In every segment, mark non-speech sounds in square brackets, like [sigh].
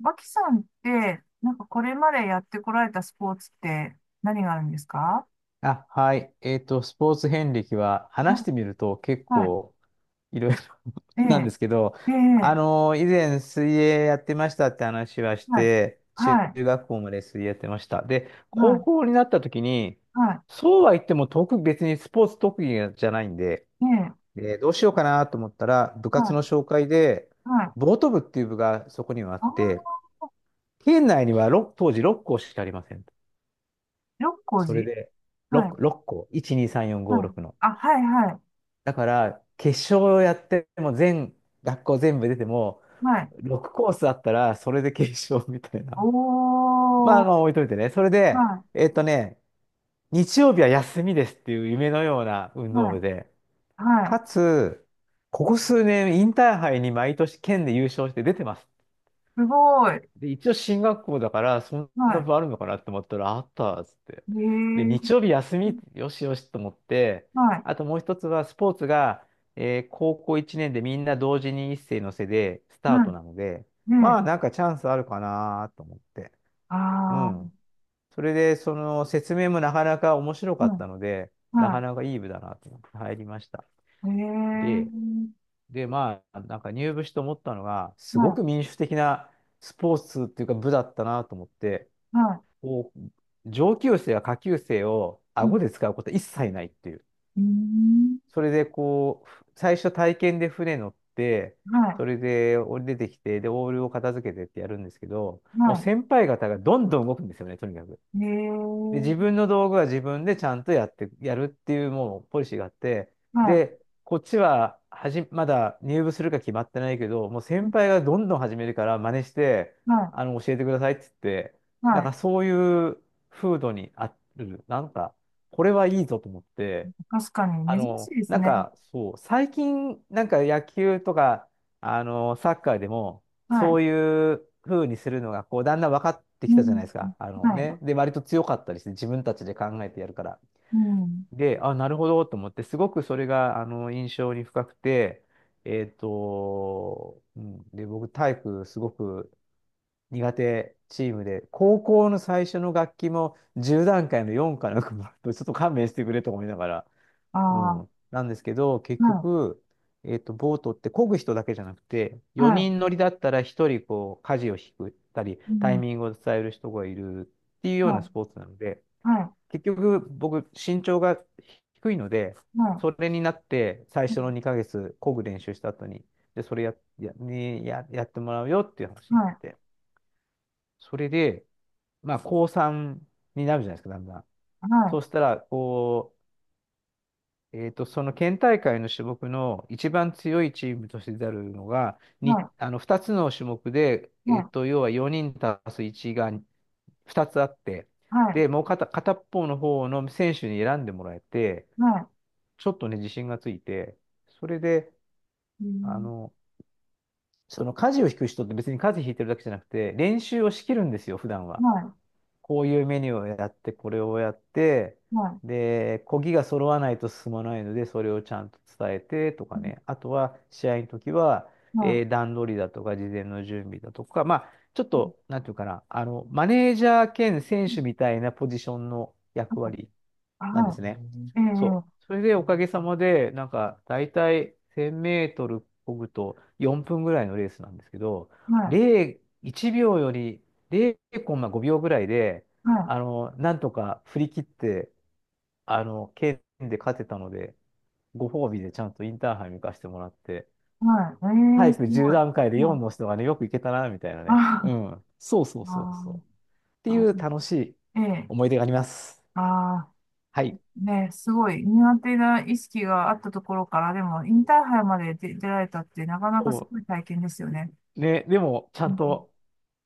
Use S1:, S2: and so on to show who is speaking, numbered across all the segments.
S1: マキさんって、なんかこれまでやってこられたスポーツって何があるんですか？
S2: あ、はい。スポーツ遍歴は
S1: う
S2: 話し
S1: ん。
S2: てみると結
S1: はい。
S2: 構いろいろ [laughs]
S1: え
S2: なんで
S1: え、
S2: すけど、
S1: ええ、
S2: 以前水泳やってましたって話はし
S1: はい。
S2: て、中
S1: はい。
S2: 学校まで水泳やってました。で、
S1: は
S2: 高
S1: い。
S2: 校になった時に、
S1: は
S2: そうは言っても別にスポーツ特技じゃないんで、
S1: い。ええ、
S2: で、どうしようかなと思ったら、部
S1: は
S2: 活
S1: い。
S2: の紹介で、
S1: はい。
S2: ボート部っていう部がそこにはあっ
S1: あ
S2: て、
S1: あ、
S2: 県内には当時6校しかありません。
S1: 六甲
S2: それ
S1: 寺、
S2: で、
S1: はい。
S2: 6、6校、1、2、3、4、5、
S1: はい。
S2: 6の。
S1: あ、はい、はい。
S2: だから、決勝をやっても学校全部出ても、
S1: はい。
S2: 6コースあったら、それで決勝みたいな。[laughs] まあ、ま
S1: お
S2: あ
S1: ー。
S2: の、置いといてね。それで、
S1: は
S2: えっとね、日曜日は休みですっていう夢のような運
S1: い。
S2: 動
S1: は
S2: 部
S1: い。
S2: で、
S1: は
S2: か
S1: い。
S2: つ、ここ数年、インターハイに毎年県で優勝して出てます。
S1: すごい。
S2: で、一応進学校だから、そん
S1: は
S2: な
S1: い。
S2: 部あるのかなって思ったら、あったっつって。
S1: え
S2: で、日
S1: え、
S2: 曜日休み、よしよしと思って、
S1: はい。
S2: あともう一つは、スポーツが、高校1年でみんな同時に一斉のせでスター
S1: は
S2: ト
S1: い。
S2: なので、
S1: ええ、
S2: まあなんかチャンスあるかなと思って。う
S1: ああ、
S2: ん。それで、その説明もなかなか面白
S1: は
S2: かっ
S1: い。
S2: たので、なか
S1: は
S2: なかいい部だなと思って入りました。
S1: い。ええ、
S2: で、で、まあ、なんか入部して思ったのが、すご
S1: は
S2: く民主的なスポーツっていうか部だったなと思って、
S1: い。は
S2: こう、上級生や下級生を
S1: い。うん、
S2: 顎で使うこと一切ないっていう。
S1: うーん。
S2: それでこう、最初体験で船乗って、
S1: は
S2: それで降り出てきて、で、オールを片付けてってやるんですけど、
S1: い。
S2: もう
S1: は
S2: 先輩方がどんどん動くんですよね、とにかく。
S1: い。へ
S2: で、自
S1: え。
S2: 分の道具は自分でちゃんとやるっていうもうポリシーがあって、
S1: は
S2: で、こっちはまだ入部するか決まってないけど、もう先
S1: い。
S2: 輩がどんどん始めるから真似して、
S1: は
S2: 教えてくださいって言って、
S1: い。
S2: なん
S1: はい。
S2: かそういう風土にある、なんか、これはいいぞと思って、
S1: 確かに、珍しいです
S2: なん
S1: ね。
S2: か、そう、最近、なんか野球とか、サッカーでも、
S1: は
S2: そ
S1: い。
S2: ういう風にするのが、こう、だんだん分かってき
S1: う
S2: たじゃない
S1: ん。
S2: ですか。あの
S1: はい。
S2: ね。で、割と強かったりして、自分たちで考えてやるから。
S1: うん。
S2: で、あ、なるほど、と思って、すごくそれが、印象に深くて、で、僕、体育、すごく苦手チームで、高校の最初の楽器も、10段階の4かなんかもらって、ちょっと勘弁してくれと思いながら、
S1: あ
S2: う
S1: あ。
S2: ん。なんですけど、結
S1: はい。
S2: 局、ボートって漕ぐ人だけじゃなくて、
S1: は
S2: 4人乗りだったら1人こう、舵を引くたり、
S1: い。う
S2: タイミ
S1: ん。
S2: ングを伝える人がいるっていうような
S1: は
S2: スポーツなので、
S1: い。はい。
S2: 結局僕、身長が低いので、
S1: はい。
S2: それになって最
S1: うん、
S2: 初の2ヶ月漕ぐ練習した後に、で、それや、や、にや、やってもらうよっていう話になっ
S1: はい。
S2: て、それで、まあ、高3になるじゃないですか、だんだん。
S1: は
S2: そ
S1: い。
S2: うしたら、こえーと、その県大会の種目の一番強いチームとして出るのが、
S1: はい。
S2: あの2つの種目で、
S1: はい。
S2: 要は4人足す1が2つあって、
S1: はい。
S2: で、もう片っぽの方の選手に選んでもらえて、
S1: はい。
S2: ちょっとね、自信がついて、それで、
S1: う
S2: あ
S1: ん。
S2: の、その舵を引く人って別に舵引いてるだけじゃなくて、練習をしきるんですよ、普段は。
S1: はい。
S2: こういうメニューをやって、これをやって、
S1: はい。
S2: で、漕ぎが揃わないと進まないので、それをちゃんと伝えてと
S1: う
S2: か
S1: ん、
S2: ね。あとは、試合の時は、
S1: はい。
S2: 段取りだとか、事前の準備だとか、まあ、ちょっ
S1: うん、
S2: と、なんていうかな、マネージャー兼選
S1: うん、
S2: 手みたいなポジションの役割
S1: あ、
S2: なんで
S1: は
S2: すね。
S1: い。え
S2: そ
S1: え。
S2: う。それでおかげさまで、なんか、だいたい1000メートル漕ぐと4分ぐらいのレースなんですけど、
S1: はい。
S2: 0、1秒より0コンマ5秒ぐらいで、
S1: は
S2: なんとか振り切って、県で勝てたので、ご褒美でちゃんとインターハイに行かせてもらって、
S1: い。はい。ええ、
S2: 早
S1: す
S2: く10
S1: ごい。
S2: 段階で
S1: は
S2: 4
S1: い。
S2: の人がね、よく行けたな、みたいなね。
S1: あ
S2: うん。そうそうそうそう。っ
S1: あ。
S2: て
S1: あ
S2: いう楽しい
S1: あ。ええ。
S2: 思い出があります。
S1: ああ、
S2: はい。
S1: ね、すごい苦手な意識があったところから、でも、インターハイまで出られたって、なかなか
S2: そ
S1: す
S2: う。
S1: ごい体験ですよね。
S2: ね、でも、ちゃ
S1: う
S2: ん
S1: ん。
S2: と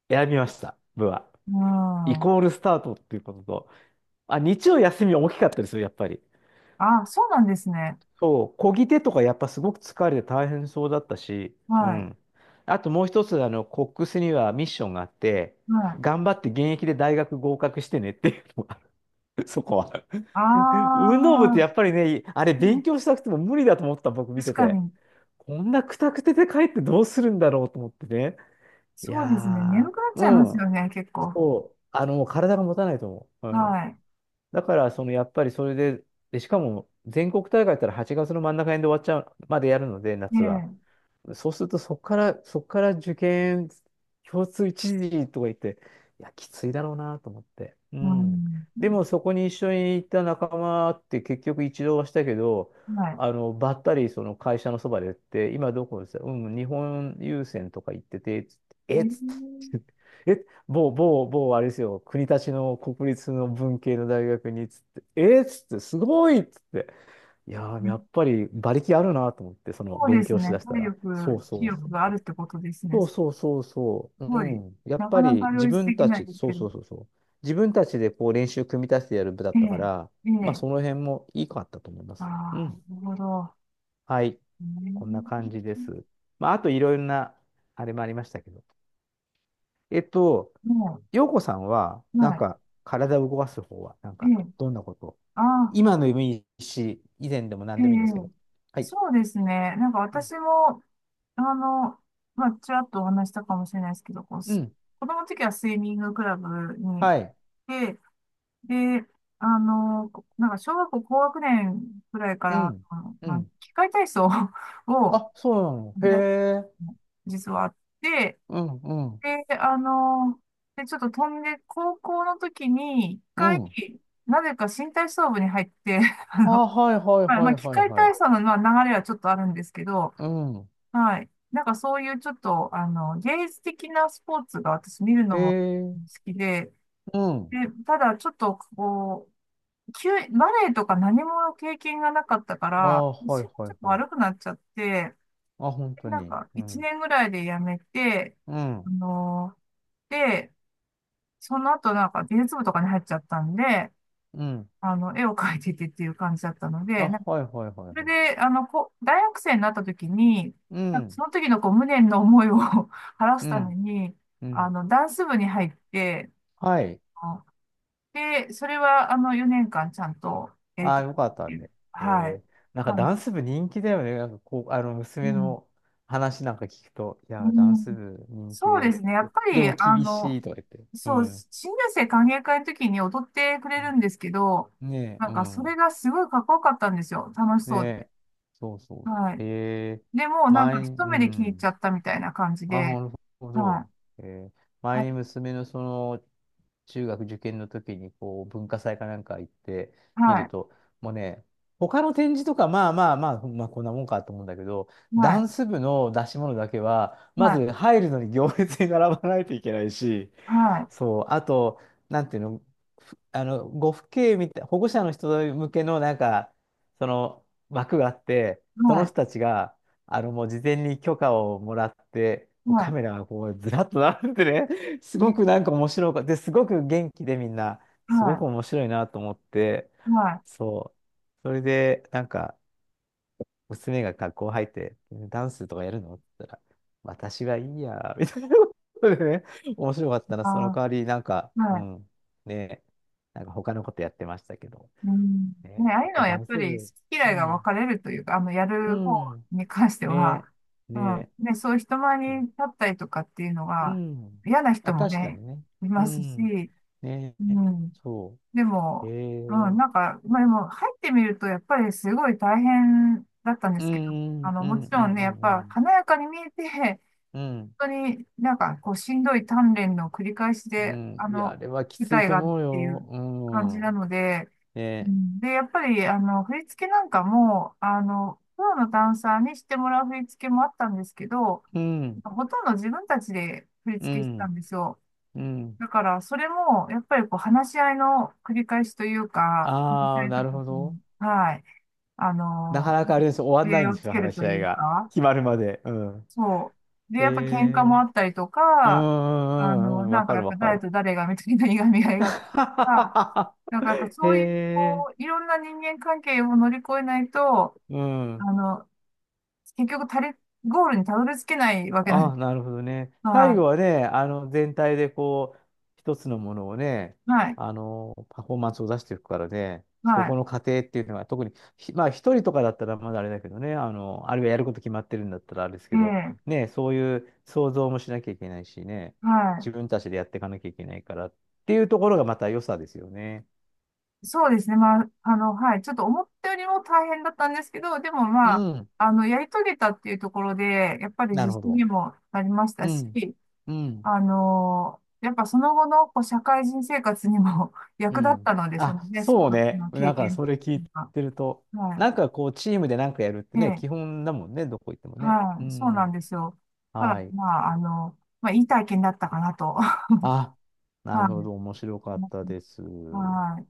S2: 選びました、部は。
S1: う
S2: イ
S1: ん、
S2: コールスタートっていうことと、あ、日曜休みは大きかったですよ、やっぱり。
S1: ああ、そうなんですね。
S2: そう、漕ぎ手とかやっぱすごく疲れて大変そうだったし、う
S1: はい。
S2: ん。あともう一つ、コックスにはミッションがあって、
S1: はい。
S2: 頑張って現役で大学合格してねっていうのがある、[laughs] そこは。
S1: あ
S2: 運動部って
S1: あ、
S2: やっぱりね、あれ
S1: う
S2: 勉
S1: ん、
S2: 強したくても無理だと思ってた僕見
S1: 確
S2: て
S1: か
S2: て、
S1: に、
S2: こんなくたくてで帰ってどうするんだろうと思ってね。い
S1: そうですね。眠
S2: や
S1: くなっ
S2: ー、
S1: ちゃいま
S2: う
S1: す
S2: ん。
S1: よね、結構。
S2: そう、もう体が持たないと思う。うん。
S1: は
S2: だから、その、やっぱりそれで、で、しかも、全国大会やったら8月の真ん中辺で終わっちゃう、までやるので、
S1: い。
S2: 夏
S1: え
S2: は。
S1: え。
S2: そうすると、そこから受験、共通一時とか言って、いや、きついだろうなと思って。う
S1: う
S2: ん。
S1: ん。
S2: でも、そこに一緒に行った仲間って結局一度はしたけど、
S1: はい。
S2: ばったりその会社のそばで言って、今どこですかうん、日本郵船とか行ってて、つってえっつっ
S1: え
S2: て、[laughs] え、某、某、某、あれですよ、国立の文系の大学に、つって、えっつって、すごいっつって。いやー、
S1: え、
S2: やっぱり馬力あるなと思って、その
S1: そうで
S2: 勉
S1: す
S2: 強し
S1: ね。
S2: だした
S1: 体
S2: ら。そう
S1: 力、気
S2: そうそ
S1: 力
S2: う
S1: があ
S2: そ
S1: るっ
S2: う。
S1: てことですね。
S2: そう
S1: す
S2: そうそうそう。
S1: ご
S2: う
S1: い、
S2: ん。やっ
S1: なか
S2: ぱ
S1: な
S2: り
S1: か両
S2: 自
S1: 立で
S2: 分
S1: き
S2: た
S1: ない
S2: ち、
S1: です
S2: そう
S1: けど。
S2: そうそうそう。自分たちでこう練習組み立ててやる部だ
S1: え
S2: ったか
S1: え、
S2: ら、
S1: え
S2: まあ
S1: え、
S2: その辺もいいかったと思いま
S1: あ
S2: す。う
S1: あ、
S2: ん。
S1: なるほど。
S2: はい。
S1: う
S2: こんな
S1: ん、
S2: 感じです。まああといろいろな、あれもありましたけど。えっと、
S1: も
S2: 陽子さんは、
S1: う、
S2: なん
S1: は
S2: か体を動かす方は、なん
S1: い、え
S2: か
S1: え、
S2: どんなこと
S1: ああ、
S2: 今の夢いいし、以前でも何
S1: え
S2: でもいいんですけ
S1: え、
S2: ど。はい。
S1: そうですね。なんか
S2: うん。
S1: 私も、あの、まあ、ちらっとお話したかもしれないですけど、こう、
S2: うん
S1: 子供の時はスイミングクラブに
S2: はい。
S1: 行って、で、なんか小学校高学年くらいか
S2: う
S1: ら、
S2: ん。うん。
S1: 器械体操を [laughs] を
S2: あ、そうなの。
S1: やっ、
S2: へえ。
S1: 実はあって、
S2: うん、うん、
S1: で、ちょっと飛んで、高校の時に、一
S2: う
S1: 回、
S2: ん。
S1: なぜか身体操部に入って、[laughs] あの、
S2: あ、はいはい
S1: まあ、
S2: は
S1: まあ
S2: い
S1: 器
S2: はい
S1: 械
S2: は
S1: 体
S2: い。
S1: 操の、まあ、流れはちょっとあるんですけど、
S2: うん。
S1: はい。なんかそういうちょっと、芸術的なスポーツが私見る
S2: へ
S1: のも好
S2: え。
S1: きで、
S2: うん。
S1: で、ただちょっと、こう、バレエとか何も経験がなかったか
S2: あ、
S1: ら、
S2: は
S1: 腰
S2: い
S1: が
S2: は
S1: ちょ
S2: い
S1: っと
S2: はい。
S1: 悪くなっちゃって、
S2: あ、本
S1: で
S2: 当
S1: なん
S2: に。
S1: か、
S2: う
S1: 一
S2: ん。
S1: 年ぐらいでやめて、
S2: う
S1: あ
S2: ん。
S1: の、で、その後なんか美術部とかに入っちゃったんで、
S2: うん。
S1: 絵を描いててっていう感じだったので、
S2: あ、
S1: なんか
S2: はいはいは
S1: そ
S2: い
S1: れ
S2: はい。
S1: で、こう、大学生になった時に、
S2: う
S1: なんか
S2: ん。
S1: その時のこう無念の思いを [laughs] 晴らす
S2: う
S1: ため
S2: ん。
S1: に、
S2: うん。
S1: ダンス部に入って、
S2: はい。
S1: あで、それは4年間ちゃんとやり
S2: あ、
S1: とっ
S2: よかった
S1: てい
S2: ね。
S1: う、
S2: へ
S1: はい、
S2: え。なんか
S1: 感
S2: ダ
S1: じ。
S2: ンス部人気だよね。なんかこう、
S1: う
S2: 娘
S1: ん。
S2: の話なんか聞くと、い
S1: う
S2: や、ダンス
S1: ん、
S2: 部人気
S1: そう
S2: で
S1: で
S2: っ
S1: すね。や
S2: て。
S1: っぱ
S2: で
S1: り、
S2: も厳しいとか言って。う
S1: そう、
S2: ん。
S1: 新入生歓迎会の時に踊ってくれるんですけど、
S2: ねえ、
S1: なん
S2: う
S1: かそれ
S2: ん。
S1: がすごいかっこよかったんですよ。楽し
S2: ね
S1: そう
S2: え、そう
S1: で。
S2: そ
S1: は
S2: う。
S1: い。でも、なん
S2: 前
S1: か
S2: に、
S1: 一
S2: う
S1: 目で気に入っちゃ
S2: ん。
S1: ったみたいな感じ
S2: あ、な
S1: で、
S2: るほ
S1: は
S2: ど。
S1: い。
S2: えー、前
S1: はい。
S2: に娘のその、中学受験の時に、こう、文化祭かなんか行ってみ
S1: は
S2: る
S1: い。
S2: と、もうね、他の展示とか、まあまあまあ、まあこんなもんかと思うんだけど、
S1: は
S2: ダ
S1: い。
S2: ンス部の出し物だけは、ま
S1: はい。
S2: ず入るのに行列に並ばないといけないし、
S1: はい。
S2: そう、あと、なんていうの、ふあの、ご父兄みたい、保護者の人向けの、なんか、その枠があって、
S1: は
S2: その
S1: い。
S2: 人たちが、もう事前に許可をもらって、こうカ
S1: は
S2: メラがこう、ずらっと並んでね、[laughs] す
S1: い。ね、
S2: ごくなんか面白くで、すごく元気でみんな、すご
S1: は
S2: く面白いなと思って、
S1: い。はい。
S2: そう。それで、なんか、娘が学校入って、ダンスとかやるのって言ったら、私はいいや、みたいなことでね、面白かったな、その
S1: あ
S2: 代わり、なんか、
S1: ー、
S2: う
S1: はい。
S2: ん、ね、なんか他のことやってましたけど、
S1: うん。
S2: ね、
S1: ね、ああ
S2: そ
S1: い
S2: っ
S1: うの
S2: か、
S1: は
S2: ダ
S1: やっ
S2: ン
S1: ぱ
S2: ス
S1: り好
S2: 部、
S1: き
S2: う
S1: 嫌いが分
S2: ん、
S1: かれるというか、や
S2: う
S1: る方
S2: ん、
S1: に関しては、
S2: ね、
S1: う
S2: ね、
S1: ん、ね、そういう人前
S2: そう、
S1: に立ったりとかっていうの
S2: う
S1: が
S2: ん、
S1: 嫌な人
S2: あ、
S1: も
S2: 確かに
S1: ね、
S2: ね、
S1: い
S2: う
S1: ます
S2: ん、
S1: し、
S2: ね、
S1: うん。
S2: そ
S1: で
S2: う、
S1: も、うん、なんか、まあでも入ってみるとやっぱりすごい大変だったんで
S2: う
S1: すけど、
S2: ん、うん、う
S1: もち
S2: ん、
S1: ろんね、やっ
S2: う
S1: ぱ
S2: ん、
S1: 華やかに見えて
S2: うん、
S1: 本当になんかこうしんどい鍛錬の繰り返し
S2: う
S1: で、
S2: ん、うん、いや、あれはき
S1: 舞
S2: つい
S1: 台
S2: と
S1: がある
S2: 思う
S1: っていう
S2: よ、う
S1: 感じな
S2: ん、
S1: ので、う
S2: ね。
S1: んで、やっぱり振り付けなんかも、プロのダンサーにしてもらう振り付けもあったんですけど、
S2: うん、
S1: ほとんど自分たちで振り
S2: う
S1: 付けしてた
S2: ん、
S1: んですよ。
S2: うん。
S1: だから、それも、やっぱりこう、話し合いの繰り返しというか、話し
S2: あ
S1: 合
S2: あ、
S1: いと
S2: な
S1: か
S2: るほど。
S1: に。はい。あ
S2: なか
S1: の、
S2: なかあれです。終わんな
S1: 礼
S2: いんで
S1: をつ
S2: すよ、
S1: ける
S2: 話し
S1: と
S2: 合
S1: い
S2: い
S1: う
S2: が。
S1: か、
S2: 決まるまで。うん。
S1: そう。で、
S2: へ
S1: やっぱ喧嘩
S2: え
S1: もあったりと
S2: うんう
S1: か、
S2: んうんうん。わ
S1: なんか
S2: か
S1: や
S2: る
S1: っ
S2: わ
S1: ぱ
S2: か
S1: 誰
S2: る。
S1: と誰がみたいないがみ合いがあったりとか、
S2: [laughs]
S1: なんかやっぱ
S2: へ
S1: そういう、
S2: え。
S1: こう、いろんな人間関係を乗り越えないと、
S2: う
S1: あ
S2: ん。
S1: の、結局ゴールにたどり着けないわけなん
S2: あ
S1: で
S2: あ、
S1: す。
S2: なるほどね。最
S1: は
S2: 後はね、全体でこう、一つのものをね、
S1: い。はい。
S2: パフォーマンスを出していくからね、そ
S1: は
S2: この過程っていうのが、特に、まあ、一人とかだったらまだあれだけどね、あるいはやること決まってるんだったらあれです
S1: い。え
S2: けど、
S1: え。
S2: ね、そういう想像もしなきゃいけないしね、
S1: はい。
S2: 自分たちでやっていかなきゃいけないからっていうところがまた良さですよね。
S1: そうですね。まあ、はい。ちょっと思ったよりも大変だったんですけど、でも
S2: う
S1: まあ、
S2: ん、
S1: やり遂げたっていうところで、やっぱり
S2: な
S1: 自
S2: るほ
S1: 信
S2: ど。
S1: にもなりました
S2: う
S1: し、
S2: ん、うん。
S1: やっぱその後のこう社会人生活にも [laughs]
S2: う
S1: 役立っ
S2: ん。
S1: たので、その
S2: あ、
S1: ね、スポ
S2: そう
S1: ーツ
S2: ね。
S1: の経
S2: なんか、
S1: 験
S2: それ聞い
S1: が。
S2: てると、
S1: は
S2: なんかこう、チームでなんかやるっ
S1: い。
S2: て
S1: え
S2: ね、
S1: え、
S2: 基本だもんね、どこ行ってもね。う
S1: はい。そうなん
S2: ん。
S1: ですよ。だか
S2: は
S1: ら、
S2: い。
S1: まあ、まあ、いい体験だったかなと。[laughs] は
S2: あ、なるほど。
S1: い。
S2: 面白かったです。
S1: はい。